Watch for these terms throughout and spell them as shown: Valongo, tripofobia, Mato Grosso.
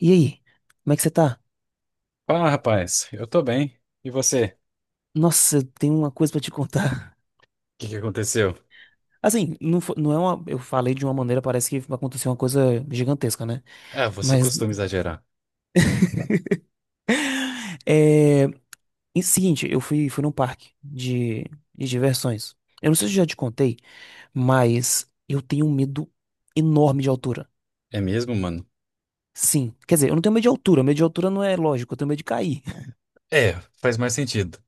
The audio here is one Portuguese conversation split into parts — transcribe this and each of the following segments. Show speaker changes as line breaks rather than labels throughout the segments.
E aí, como é que você tá?
Ah, rapaz, eu tô bem. E você? O
Nossa, eu tenho uma coisa pra te contar.
que que aconteceu?
Assim, não, não é uma. Eu falei de uma maneira, parece que aconteceu uma coisa gigantesca, né?
Ah, você
Mas.
costuma exagerar.
É. E seguinte, eu fui num parque de diversões. Eu não sei se eu já te contei, mas eu tenho um medo enorme de altura.
É mesmo, mano?
Sim. Quer dizer, eu não tenho medo de altura. Medo de altura não é lógico, eu tenho medo de cair.
É, faz mais sentido.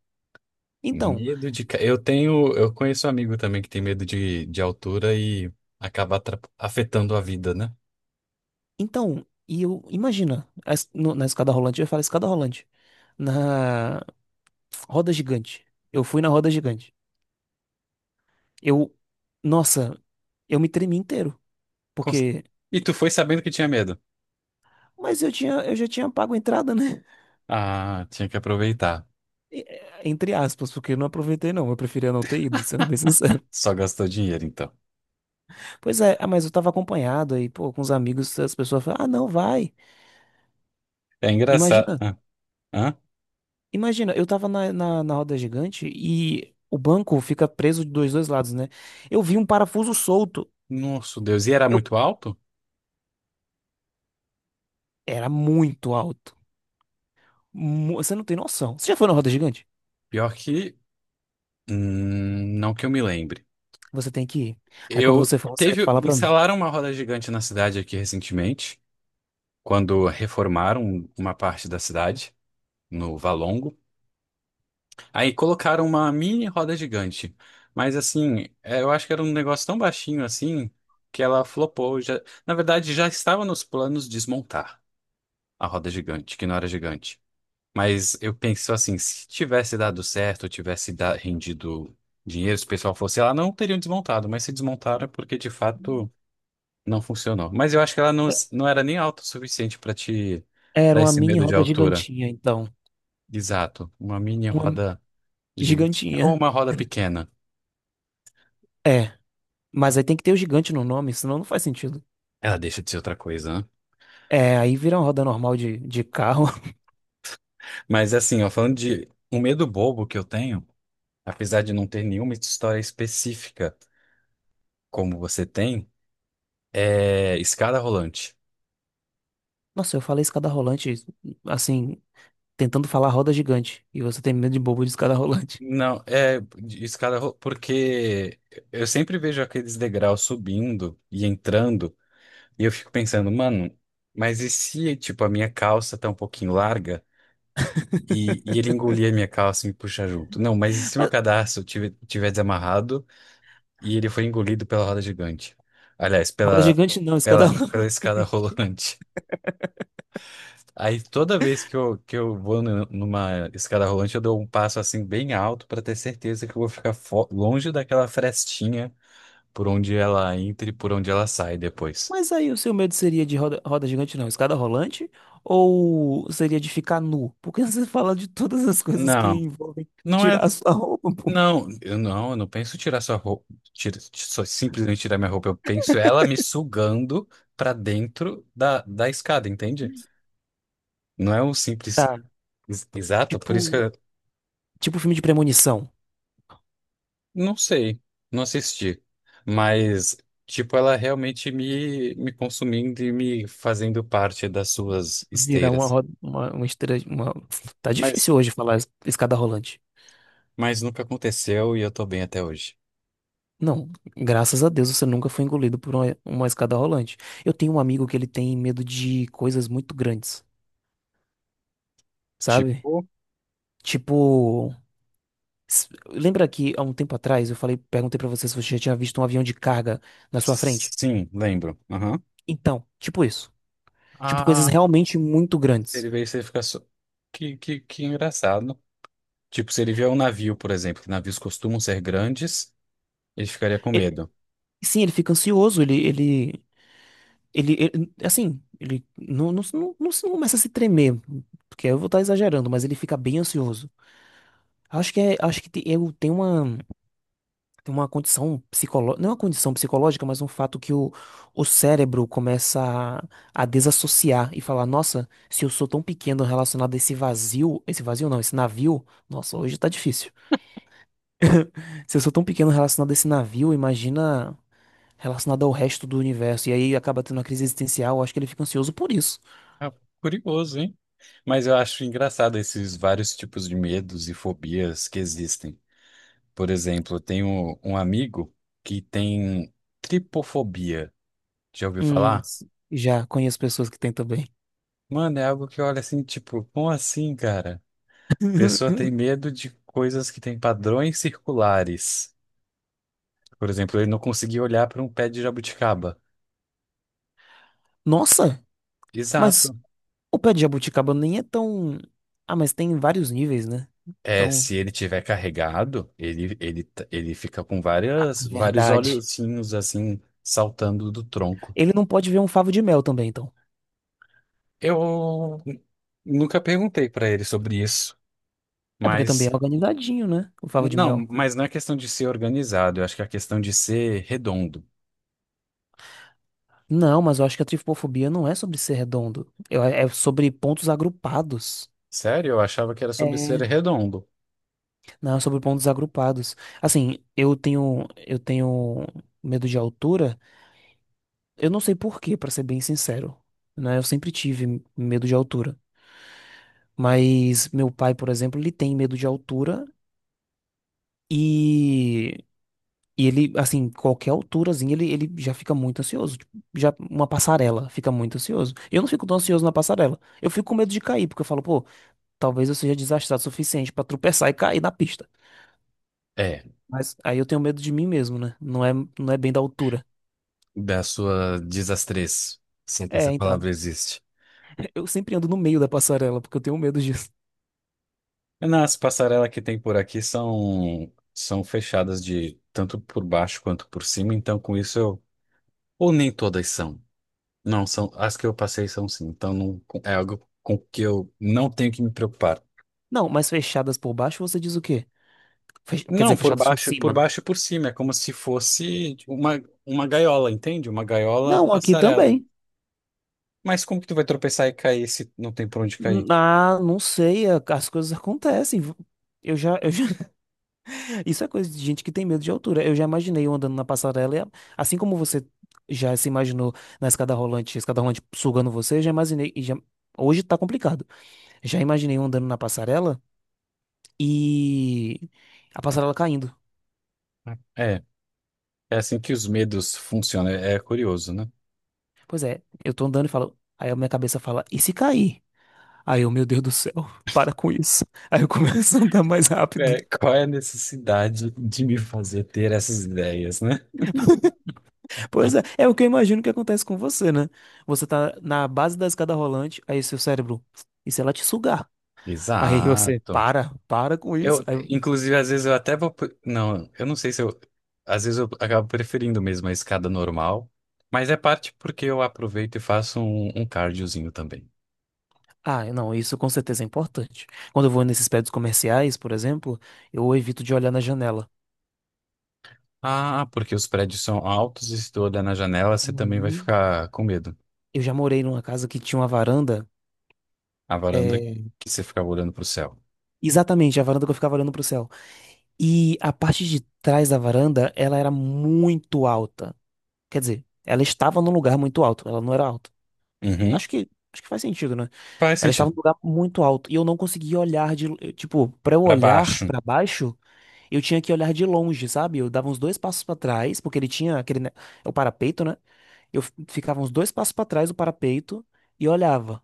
Então,
Eu tenho. Eu conheço um amigo também que tem medo de altura e acaba afetando a vida, né?
então, e eu. Imagina, a es- no- na escada rolante, eu ia falar escada rolante. Na, roda gigante. Eu fui na roda gigante. Eu, nossa, eu me tremi inteiro,
Cons-
porque,
E tu foi sabendo que tinha medo?
mas eu tinha, eu já tinha pago a entrada, né?
Ah, tinha que aproveitar.
É, entre aspas, porque eu não aproveitei não, eu preferia não ter ido, sendo bem sincero.
Só gastou dinheiro, então.
Pois é, ah, mas eu tava acompanhado aí, pô, com os amigos, as pessoas falaram, ah, não, vai.
É engraçado.
Imagina,
Hã? Hã?
imagina, eu tava na roda gigante e o banco fica preso de dois lados, né? Eu vi um parafuso solto.
Nossa, Deus. E era
Eu,
muito alto?
era muito alto. Você não tem noção. Você já foi na roda gigante?
Pior que. Não que eu me lembre.
Você tem que ir. Aí quando
Eu
você for, você
teve,
fala pra mim.
instalaram uma roda gigante na cidade aqui recentemente, quando reformaram uma parte da cidade, no Valongo. Aí colocaram uma mini roda gigante. Mas assim, é, eu acho que era um negócio tão baixinho assim que ela flopou. Já, na verdade, já estava nos planos desmontar a roda gigante, que não era gigante. Mas eu penso assim, se tivesse dado certo, rendido dinheiro, se o pessoal fosse lá, não teriam desmontado, mas se desmontaram é porque de fato não funcionou. Mas eu acho que ela não era nem alta o suficiente pra te
Era
dar
uma
esse
mini
medo de
roda
altura.
gigantinha, então.
Exato. Uma mini
Uma
roda gigantinha. Ou
gigantinha.
uma roda pequena.
É, mas aí tem que ter o gigante no nome, senão não faz sentido.
Ela deixa de ser outra coisa, né?
É, aí vira uma roda normal de carro.
Mas assim, ó, falando de um medo bobo que eu tenho, apesar de não ter nenhuma história específica como você tem, é escada rolante.
Nossa, eu falei escada rolante, assim, tentando falar roda gigante. E você tem medo de bobo de escada rolante.
Não, é de porque eu sempre vejo aqueles degraus subindo e entrando. E eu fico pensando, mano, mas e se, tipo, a minha calça tá um pouquinho larga e, ele engolir a minha calça e me puxar junto? Não, mas e se meu
Mas
cadarço tiver desamarrado e ele foi engolido pela roda gigante? Aliás,
roda gigante não, escada
pela escada
rolante.
rolante. Aí toda vez que eu vou numa escada rolante, eu dou um passo assim bem alto pra ter certeza que eu vou ficar longe daquela frestinha por onde ela entra e por onde ela sai depois.
Mas aí o seu medo seria de roda gigante, não, escada rolante? Ou seria de ficar nu? Porque você fala de todas as coisas que
Não,
envolvem
não é.
tirar a sua roupa, pô.
Não, eu não penso tirar sua roupa, só simplesmente tirar minha roupa. Eu penso ela me sugando pra dentro da escada, entende? Não é um simples
Tá,
exato, por isso que
tipo,
eu
tipo filme de premonição.
não sei, não assisti. Mas, tipo, ela realmente me consumindo e me fazendo parte das suas
Virar uma
esteiras.
roda, uma esteira, uma... Tá
Mas,
difícil hoje falar escada rolante.
nunca aconteceu e eu tô bem até hoje.
Não, graças a Deus você nunca foi engolido por uma escada rolante. Eu tenho um amigo que ele tem medo de coisas muito grandes, sabe?
Tipo,
Tipo, lembra que há um tempo atrás eu falei, perguntei pra você se você já tinha visto um avião de carga na sua frente?
sim, lembro.
Então, tipo isso. Tipo coisas
Aham.
realmente muito grandes.
Ele vê isso e fica só. Que engraçado. Tipo, se ele vier um navio, por exemplo, que navios costumam ser grandes, ele ficaria com
E-
medo.
sim, ele fica ansioso, ele assim, ele não, não, não, não começa a se tremer, porque eu vou estar exagerando, mas ele fica bem ansioso. Acho que é, acho que tem, eu tenho uma. Tem uma condição psicológica, não é uma condição psicológica, mas um fato que o cérebro começa a, a desassociar e falar, nossa, se eu sou tão pequeno relacionado a esse vazio não, esse navio, nossa, hoje tá difícil. Se eu sou tão pequeno relacionado a esse navio, imagina relacionado ao resto do universo, e aí acaba tendo uma crise existencial, acho que ele fica ansioso por isso.
Ah, curioso, hein? Mas eu acho engraçado esses vários tipos de medos e fobias que existem. Por exemplo, eu tenho um amigo que tem tripofobia. Já ouviu
Hum,
falar?
já conheço pessoas que têm também.
Mano, é algo que olha assim, tipo, como assim, cara? Pessoa tem medo de coisas que têm padrões circulares. Por exemplo, ele não conseguia olhar para um pé de jabuticaba.
Nossa, mas
Exato.
o pé de jabuticaba nem é tão... Ah, mas tem vários níveis, né?
É,
Então,
se ele tiver carregado, ele fica com vários
verdade.
olhozinhos assim saltando do tronco.
Ele não pode ver um favo de mel também, então.
Eu n- Nunca perguntei para ele sobre isso,
É porque também é
mas
organizadinho, né? O favo de
não,
mel.
mas não é questão de ser organizado, eu acho que é questão de ser redondo.
Não, mas eu acho que a tripofobia não é sobre ser redondo. É sobre pontos agrupados.
Sério? Eu achava que era sobre ser
É.
redondo.
Não, é sobre pontos agrupados. Assim, eu tenho medo de altura. Eu não sei por quê, pra ser bem sincero. Né? Eu sempre tive medo de altura. Mas meu pai, por exemplo, ele tem medo de altura. E E ele, assim, qualquer alturazinha, ele já fica muito ansioso. Tipo, já uma passarela fica muito ansioso. Eu não fico tão ansioso na passarela. Eu fico com medo de cair, porque eu falo, pô, talvez eu seja desastrado o suficiente pra tropeçar e cair na pista.
É,
Mas aí eu tenho medo de mim mesmo, né? Não é, não é bem da altura.
da sua desastrez, se é que essa
É, então,
palavra existe.
eu sempre ando no meio da passarela, porque eu tenho medo disso.
Nas passarelas que tem por aqui são, são fechadas de tanto por baixo quanto por cima, então com isso eu. Ou nem todas são. Não, são. As que eu passei são sim. Então não, é algo com que eu não tenho que me preocupar.
Não, mas fechadas por baixo, você diz o quê? Quer
Não,
dizer, fechadas por
por
cima.
baixo e por cima. É como se fosse uma gaiola, entende? Uma gaiola
Não, aqui
passarela.
também.
Mas como que tu vai tropeçar e cair se não tem por onde cair?
Ah, não sei, as coisas acontecem. Eu já, isso é coisa de gente que tem medo de altura. Eu já imaginei eu andando na passarela, e assim como você já se imaginou na escada rolante sugando você, eu já imaginei. E hoje tá complicado. Já imaginei eu andando na passarela e a passarela caindo.
É, é assim que os medos funcionam. É, é curioso, né?
Pois é, eu tô andando e falo. Aí a minha cabeça fala, e se cair? Aí eu, meu Deus do céu, para com isso. Aí eu começo a andar mais rápido.
É, qual é a necessidade de me fazer ter essas ideias, né?
Pois é, é o que eu imagino que acontece com você, né? Você tá na base da escada rolante, aí seu cérebro, e se ela te sugar? Aí você
Exato.
para com isso.
Eu,
Aí,
inclusive, às vezes eu até Não, eu não sei se eu. Às vezes eu acabo preferindo mesmo a escada normal, mas é parte porque eu aproveito e faço um cardiozinho também.
ah, não, isso com certeza é importante. Quando eu vou nesses prédios comerciais, por exemplo, eu evito de olhar na janela.
Ah, porque os prédios são altos e se tu olhar na janela, você também vai
Uhum.
ficar com medo.
Eu já morei numa casa que tinha uma varanda,
A varanda
é,
que você ficar olhando pro céu.
exatamente, a varanda que eu ficava olhando pro céu. E a parte de trás da varanda, ela era muito alta. Quer dizer, ela estava num lugar muito alto, ela não era alta.
Uhum.
Acho que faz sentido, né?
Faz
Ela estava num
sentido.
lugar muito alto e eu não conseguia olhar de, tipo, para eu
Pra
olhar
baixo.
para baixo, eu tinha que olhar de longe, sabe? Eu dava uns dois passos pra trás, porque ele tinha aquele, o parapeito, né? Ficava uns dois passos pra trás do parapeito e olhava,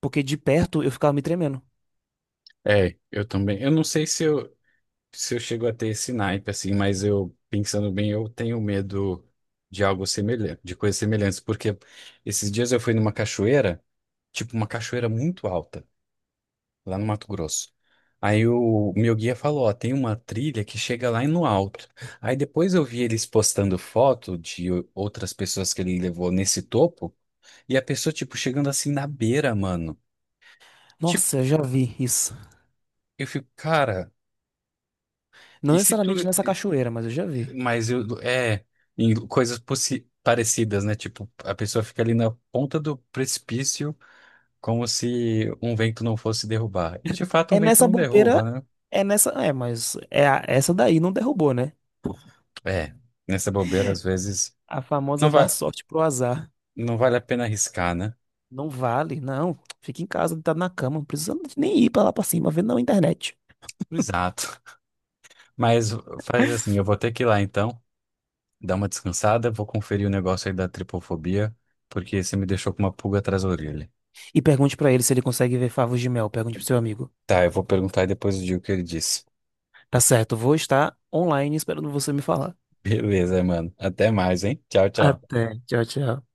porque de perto eu ficava me tremendo.
É, eu também. Eu não sei se eu. Se eu chego a ter esse naipe, assim, mas eu, pensando bem, eu tenho medo de algo semelhante, de coisas semelhantes, porque esses dias eu fui numa cachoeira, tipo uma cachoeira muito alta, lá no Mato Grosso. Aí o meu guia falou, ó, tem uma trilha que chega lá no alto. Aí depois eu vi eles postando foto de outras pessoas que ele levou nesse topo, e a pessoa, tipo, chegando assim na beira, mano. Tipo,
Nossa, eu já vi isso.
eu fico, cara,
Não
e se tu
necessariamente nessa cachoeira, mas eu já vi.
Mas eu, é, em coisas parecidas, né? Tipo, a pessoa fica ali na ponta do precipício, como se um vento não fosse derrubar. E de fato, um
É
vento
nessa
não derruba,
bobeira,
né?
é nessa, é, mas é essa daí não derrubou, né?
É, nessa bobeira, às vezes,
A famosa
não
dar
vai,
sorte pro azar.
não vale a pena arriscar, né?
Não vale, não. Fica em casa, deitado na cama. Não precisa nem ir pra lá pra cima, vê na internet.
Exato. Mas faz assim, eu vou ter que ir lá então, dar uma descansada, vou conferir o negócio aí da tripofobia, porque você me deixou com uma pulga atrás da orelha.
E pergunte pra ele se ele consegue ver favos de mel. Pergunte pro seu amigo.
Tá, eu vou perguntar e depois eu digo o que ele disse.
Tá certo, vou estar online esperando você me falar.
Beleza, mano. Até mais, hein? Tchau, tchau.
Até, tchau, tchau.